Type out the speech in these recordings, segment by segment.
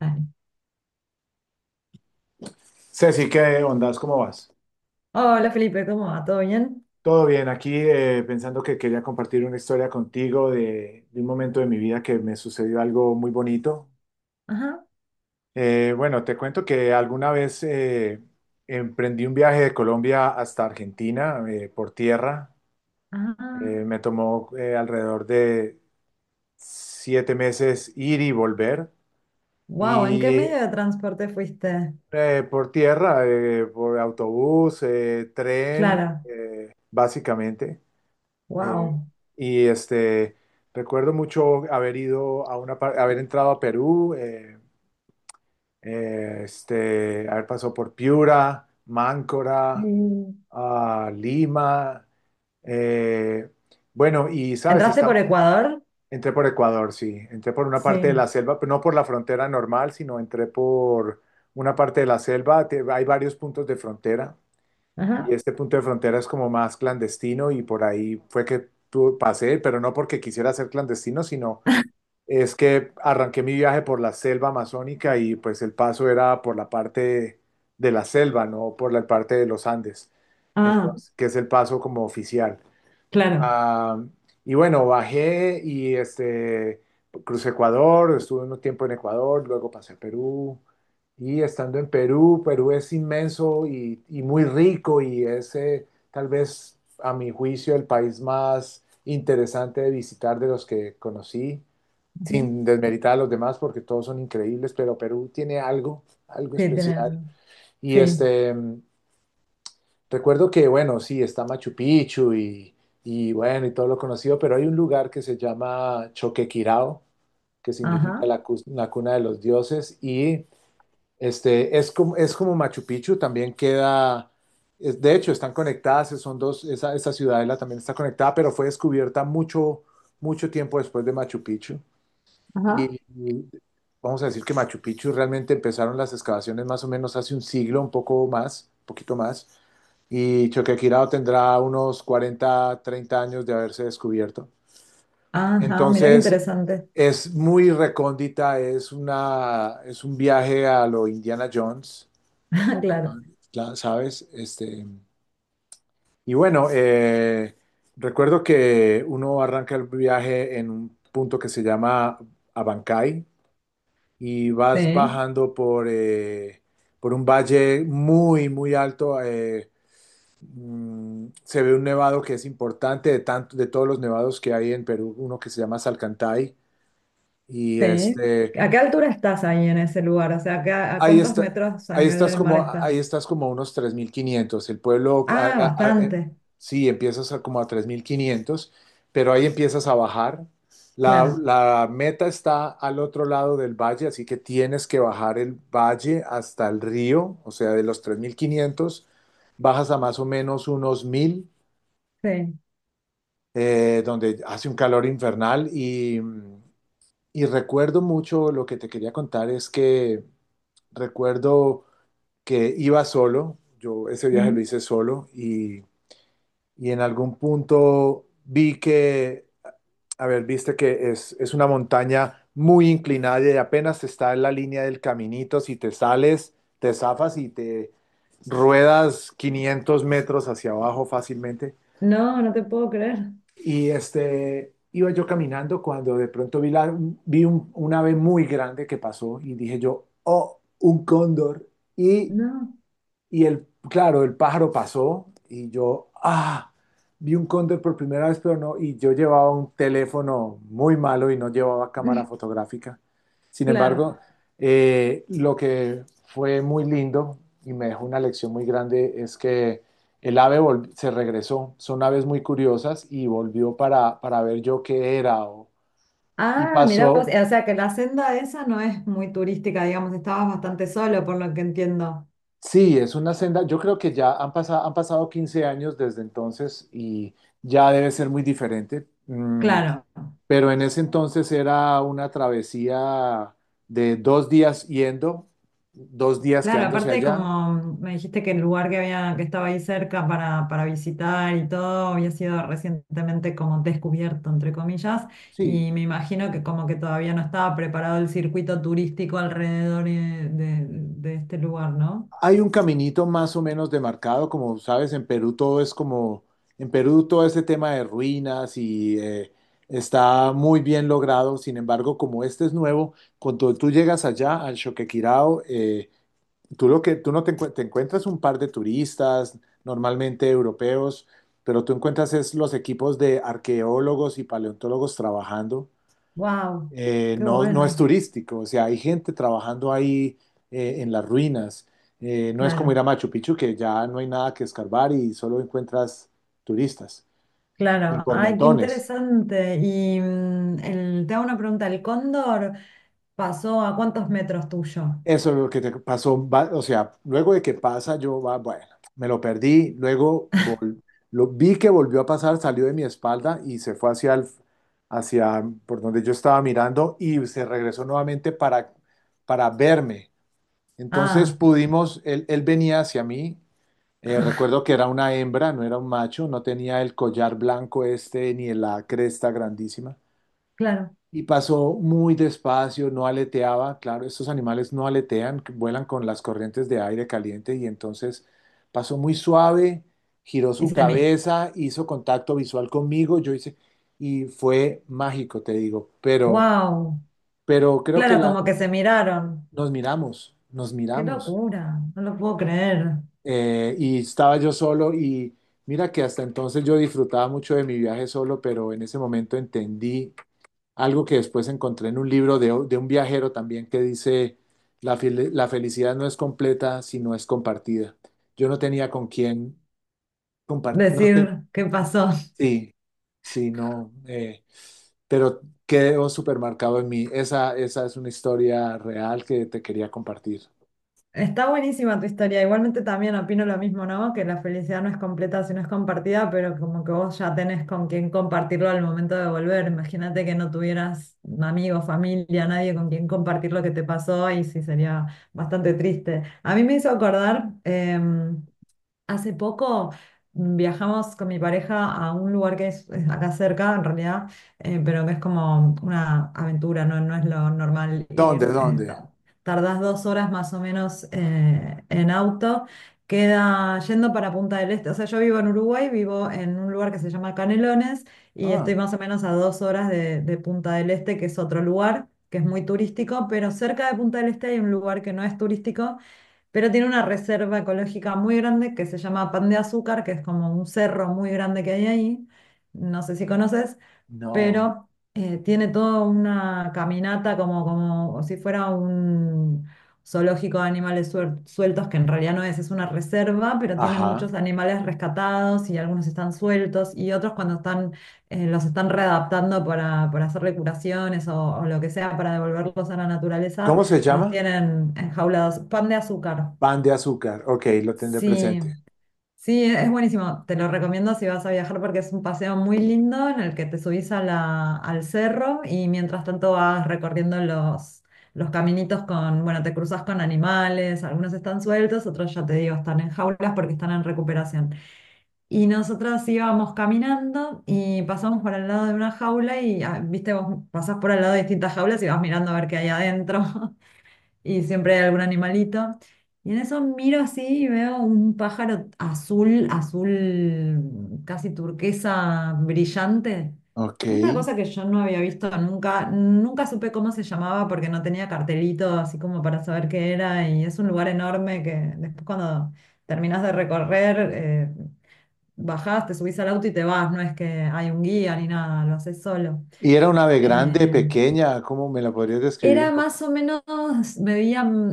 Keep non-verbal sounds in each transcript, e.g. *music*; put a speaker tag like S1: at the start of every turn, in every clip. S1: Dale.
S2: Ceci, ¿qué ondas? ¿Cómo vas?
S1: Hola Felipe, ¿cómo va? ¿Todo bien?
S2: Todo bien, aquí pensando que quería compartir una historia contigo de un momento de mi vida que me sucedió algo muy bonito.
S1: Ajá,
S2: Bueno, te cuento que alguna vez emprendí un viaje de Colombia hasta Argentina por tierra.
S1: ajá.
S2: Me tomó alrededor de 7 meses ir y volver.
S1: Wow, ¿en qué
S2: Y
S1: medio de transporte fuiste?
S2: por tierra, por autobús, tren,
S1: Clara,
S2: básicamente. Eh,
S1: wow.
S2: y este, Recuerdo mucho haber ido a haber entrado a Perú, haber pasado por Piura, Máncora, ah, Lima. eh, bueno, y sabes,
S1: ¿Entraste por Ecuador?
S2: entré por Ecuador, sí, entré por una parte de
S1: Sí.
S2: la selva, pero no por la frontera normal, sino entré por una parte de la selva. Hay varios puntos de frontera. Y
S1: Ajá.
S2: este punto de frontera es como más clandestino y por ahí fue que pasé, pero no porque quisiera ser clandestino, sino es que arranqué mi viaje por la selva amazónica y pues el paso era por la parte de la selva, no por la parte de los Andes.
S1: Ah,
S2: Entonces, que es el paso como oficial.
S1: claro.
S2: Ah, y bueno, crucé Ecuador, estuve un tiempo en Ecuador, luego pasé a Perú. Y estando en Perú, Perú es inmenso y muy rico y es tal vez a mi juicio el país más interesante de visitar de los que conocí,
S1: Ujú.
S2: sin desmeritar a los demás porque todos son increíbles, pero Perú tiene algo, algo
S1: Sí,
S2: especial.
S1: tienen.
S2: Y
S1: Sí.
S2: este, Recuerdo que, bueno, sí, está Machu Picchu y, bueno, y todo lo conocido, pero hay un lugar que se llama Choquequirao, que significa
S1: Ajá,
S2: la cuna de los dioses, es como Machu Picchu, también queda. De hecho, están conectadas, son dos, esa ciudadela también está conectada, pero fue descubierta mucho, mucho tiempo después de Machu Picchu.
S1: ajá.
S2: Y vamos a decir que Machu Picchu realmente empezaron las excavaciones más o menos hace un siglo, un poco más, un poquito más, y Choquequirao tendrá unos 40 30 años de haberse descubierto.
S1: Ajá, mira qué
S2: Entonces,
S1: interesante.
S2: es muy recóndita, es un viaje a lo Indiana Jones,
S1: *laughs* Claro.
S2: ¿sabes? Y bueno, eh, Recuerdo que uno arranca el viaje en un punto que se llama Abancay y vas
S1: Sí,
S2: bajando por un valle muy, muy alto. Se ve un nevado que es importante de tanto, de todos los nevados que hay en Perú, uno que se llama Salcantay. y
S1: sí.
S2: este
S1: ¿A qué altura estás ahí en ese lugar? O sea, ¿a qué- a
S2: ahí
S1: cuántos
S2: está
S1: metros a nivel del mar
S2: Ahí
S1: estás?
S2: estás como a unos 3500 el pueblo a-
S1: Ah,
S2: a- a- eh,
S1: bastante.
S2: Sí, empiezas a como a 3500, pero ahí empiezas a bajar.
S1: Claro.
S2: La meta está al otro lado del valle, así que tienes que bajar el valle hasta el río, o sea, de los 3500 bajas a más o menos unos mil,
S1: Sí.
S2: donde hace un calor infernal y recuerdo mucho lo que te quería contar es que recuerdo que iba solo. Yo ese viaje
S1: Ujú.
S2: lo hice solo y en algún punto a ver, viste que es una montaña muy inclinada y apenas está en la línea del caminito. Si te sales, te zafas y te ruedas 500 metros hacia abajo fácilmente.
S1: No, no te puedo creer.
S2: Y este, iba yo caminando cuando de pronto vi un ave muy grande que pasó y dije yo, oh, un cóndor. Y
S1: No,
S2: y el, claro, el pájaro pasó y yo, ah, vi un cóndor por primera vez, pero no, y yo llevaba un teléfono muy malo y no llevaba cámara
S1: *laughs*
S2: fotográfica. Sin
S1: claro.
S2: embargo, lo que fue muy lindo y me dejó una lección muy grande es que se regresó. Son aves muy curiosas y volvió para ver yo qué era. Y
S1: Ah, mira, vos,
S2: pasó,
S1: o sea que la senda esa no es muy turística, digamos, estabas bastante solo, por lo que entiendo.
S2: Sí, es una senda. Yo creo que ya han pasado 15 años desde entonces y ya debe ser muy diferente.
S1: Claro,
S2: Pero en ese entonces era una travesía de 2 días yendo, 2 días
S1: claro,
S2: quedándose
S1: aparte
S2: allá.
S1: como me dijiste que el lugar que había, que estaba ahí cerca para visitar y todo, había sido recientemente como descubierto, entre comillas,
S2: Sí,
S1: y me imagino que como que todavía no estaba preparado el circuito turístico alrededor de este lugar, ¿no?
S2: hay un caminito más o menos demarcado, como sabes, en Perú todo es como, en Perú todo este tema de ruinas y está muy bien logrado. Sin embargo, como este es nuevo, cuando tú llegas allá al Choquequirao, Tú lo que tú no te, encuent- te encuentras un par de turistas, normalmente europeos, pero tú encuentras es los equipos de arqueólogos y paleontólogos trabajando.
S1: Wow, qué
S2: No, no es
S1: bueno,
S2: turístico, o sea, hay gente trabajando ahí en las ruinas. No es como ir
S1: claro.
S2: a Machu Picchu, que ya no hay nada que escarbar y solo encuentras turistas, y
S1: Claro,
S2: por
S1: ay, qué
S2: montones.
S1: interesante. Y mm, te hago una pregunta, ¿el cóndor pasó a cuántos metros tuyo?
S2: Eso es lo que te pasó, o sea, luego de que pasa, bueno, me lo perdí, vi que volvió a pasar, salió de mi espalda y se fue hacia por donde yo estaba mirando y se regresó nuevamente para verme. Entonces
S1: Ah,
S2: pudimos, él venía hacia mí,
S1: *laughs*
S2: recuerdo que era una hembra, no era un macho, no tenía el collar blanco este ni la cresta grandísima.
S1: claro.
S2: Y pasó muy despacio, no aleteaba, claro, estos animales no aletean, que vuelan con las corrientes de aire caliente y entonces pasó muy suave, giró
S1: Y
S2: su
S1: se me...
S2: cabeza, hizo contacto visual conmigo, yo hice, y fue mágico, te digo, pero,
S1: Wow,
S2: pero creo que
S1: claro,
S2: la,
S1: como que se miraron.
S2: nos
S1: Qué
S2: miramos,
S1: locura, no lo puedo creer.
S2: y estaba yo solo y mira que hasta entonces yo disfrutaba mucho de mi viaje solo, pero en ese momento entendí algo que después encontré en un libro de un viajero también que dice, la felicidad no es completa si no es compartida. Yo no tenía con quién compartir,
S1: Decir qué pasó.
S2: sí, sí, no, pero quedó supermercado en mí. Esa es una historia real que te quería compartir.
S1: Está buenísima tu historia. Igualmente también opino lo mismo, ¿no? Que la felicidad no es completa si no es compartida, pero como que vos ya tenés con quién compartirlo al momento de volver. Imagínate que no tuvieras amigos, familia, nadie con quien compartir lo que te pasó y sí sería bastante triste. A mí me hizo acordar, hace poco viajamos con mi pareja a un lugar que es acá cerca, en realidad, pero que es como una aventura, no, no es lo normal
S2: ¿Dónde,
S1: ir.
S2: dónde?
S1: Tardás 2 horas más o menos en auto. Queda yendo para Punta del Este. O sea, yo vivo en Uruguay, vivo en un lugar que se llama Canelones y estoy
S2: Ah,
S1: más o menos a 2 horas de Punta del Este, que es otro lugar que es muy turístico, pero cerca de Punta del Este hay un lugar que no es turístico pero tiene una reserva ecológica muy grande que se llama Pan de Azúcar, que es como un cerro muy grande que hay ahí, no sé si conoces,
S2: no.
S1: pero tiene toda una caminata como, como si fuera un zoológico de animales sueltos, que en realidad no es, es una reserva, pero tienen
S2: Ajá.
S1: muchos animales rescatados y algunos están sueltos y otros cuando están, los están readaptando para hacerle curaciones o lo que sea para devolverlos a la naturaleza.
S2: ¿Cómo se
S1: Los
S2: llama?
S1: tienen enjaulados. Pan de azúcar.
S2: Pan de azúcar. Ok, lo tendré
S1: Sí,
S2: presente.
S1: sí, es buenísimo. Te lo recomiendo si vas a viajar porque es un paseo muy lindo en el que te subís a la, al cerro y mientras tanto vas recorriendo los caminitos con, bueno, te cruzas con animales, algunos están sueltos, otros ya te digo, están en jaulas porque están en recuperación. Y nosotras íbamos caminando y pasamos por al lado de una jaula y, ah, viste, vos pasás por al lado de distintas jaulas y vas mirando a ver qué hay adentro y siempre hay algún animalito. Y en eso miro así y veo un pájaro azul, azul, casi turquesa, brillante.
S2: Ok.
S1: Una cosa que yo no había visto nunca, nunca supe cómo se llamaba porque no tenía cartelito así como para saber qué era y es un lugar enorme que después cuando terminás de recorrer, bajás, te subís al auto y te vas, no es que hay un guía ni nada, lo haces solo.
S2: Y era una ave grande,
S1: Eh,
S2: pequeña, ¿cómo me la podrías describir
S1: era
S2: un poco?
S1: más o menos, medían,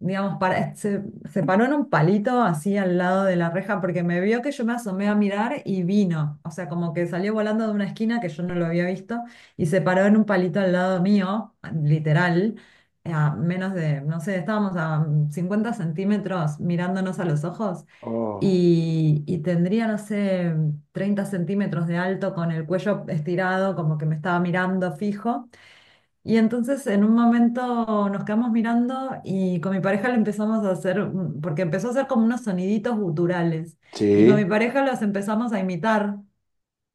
S1: digamos, para, se paró en un palito así al lado de la reja porque me vio que yo me asomé a mirar y vino. O sea, como que salió volando de una esquina que yo no lo había visto y se paró en un palito al lado mío, literal, a menos de, no sé, estábamos a 50 cm mirándonos a los ojos
S2: Oh,
S1: y tendría, no sé, 30 cm de alto con el cuello estirado, como que me estaba mirando fijo. Y entonces en un momento nos quedamos mirando y con mi pareja le empezamos a hacer, porque empezó a hacer como unos soniditos guturales, y con
S2: sí,
S1: mi pareja los empezamos a imitar,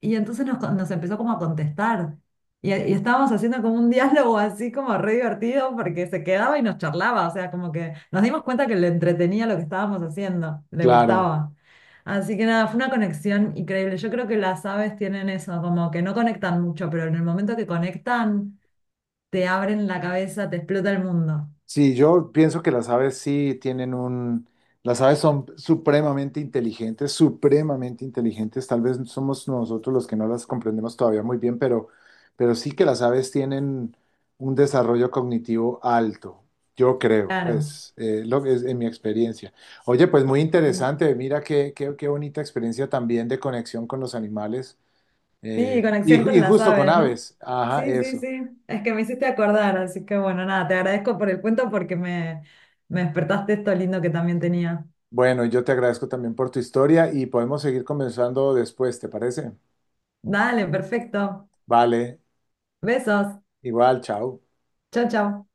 S1: y entonces nos empezó como a contestar, y estábamos haciendo como un diálogo así como re divertido, porque se quedaba y nos charlaba, o sea, como que nos dimos cuenta que le entretenía lo que estábamos haciendo, le
S2: claro.
S1: gustaba. Así que nada, fue una conexión increíble. Yo creo que las aves tienen eso, como que no conectan mucho, pero en el momento que conectan te abren la cabeza, te explota el mundo.
S2: Sí, yo pienso que las aves sí tienen un... Las aves son supremamente inteligentes, supremamente inteligentes. Tal vez somos nosotros los que no las comprendemos todavía muy bien, pero sí que las aves tienen un desarrollo cognitivo alto, yo creo,
S1: Claro.
S2: pues, lo que es en mi experiencia. Oye, pues muy
S1: Mm.
S2: interesante. Mira qué, qué, qué bonita experiencia también de conexión con los animales.
S1: Sí,
S2: Y,
S1: conexión con
S2: y
S1: las
S2: justo con
S1: aves, ¿no?
S2: aves. Ajá,
S1: Sí, sí,
S2: eso.
S1: sí. Es que me hiciste acordar, así que bueno, nada, te agradezco por el cuento porque me despertaste esto lindo que también tenía.
S2: Bueno, yo te agradezco también por tu historia y podemos seguir conversando después, ¿te parece?
S1: Dale, perfecto.
S2: Vale,
S1: Besos.
S2: igual, chao.
S1: Chau, chau.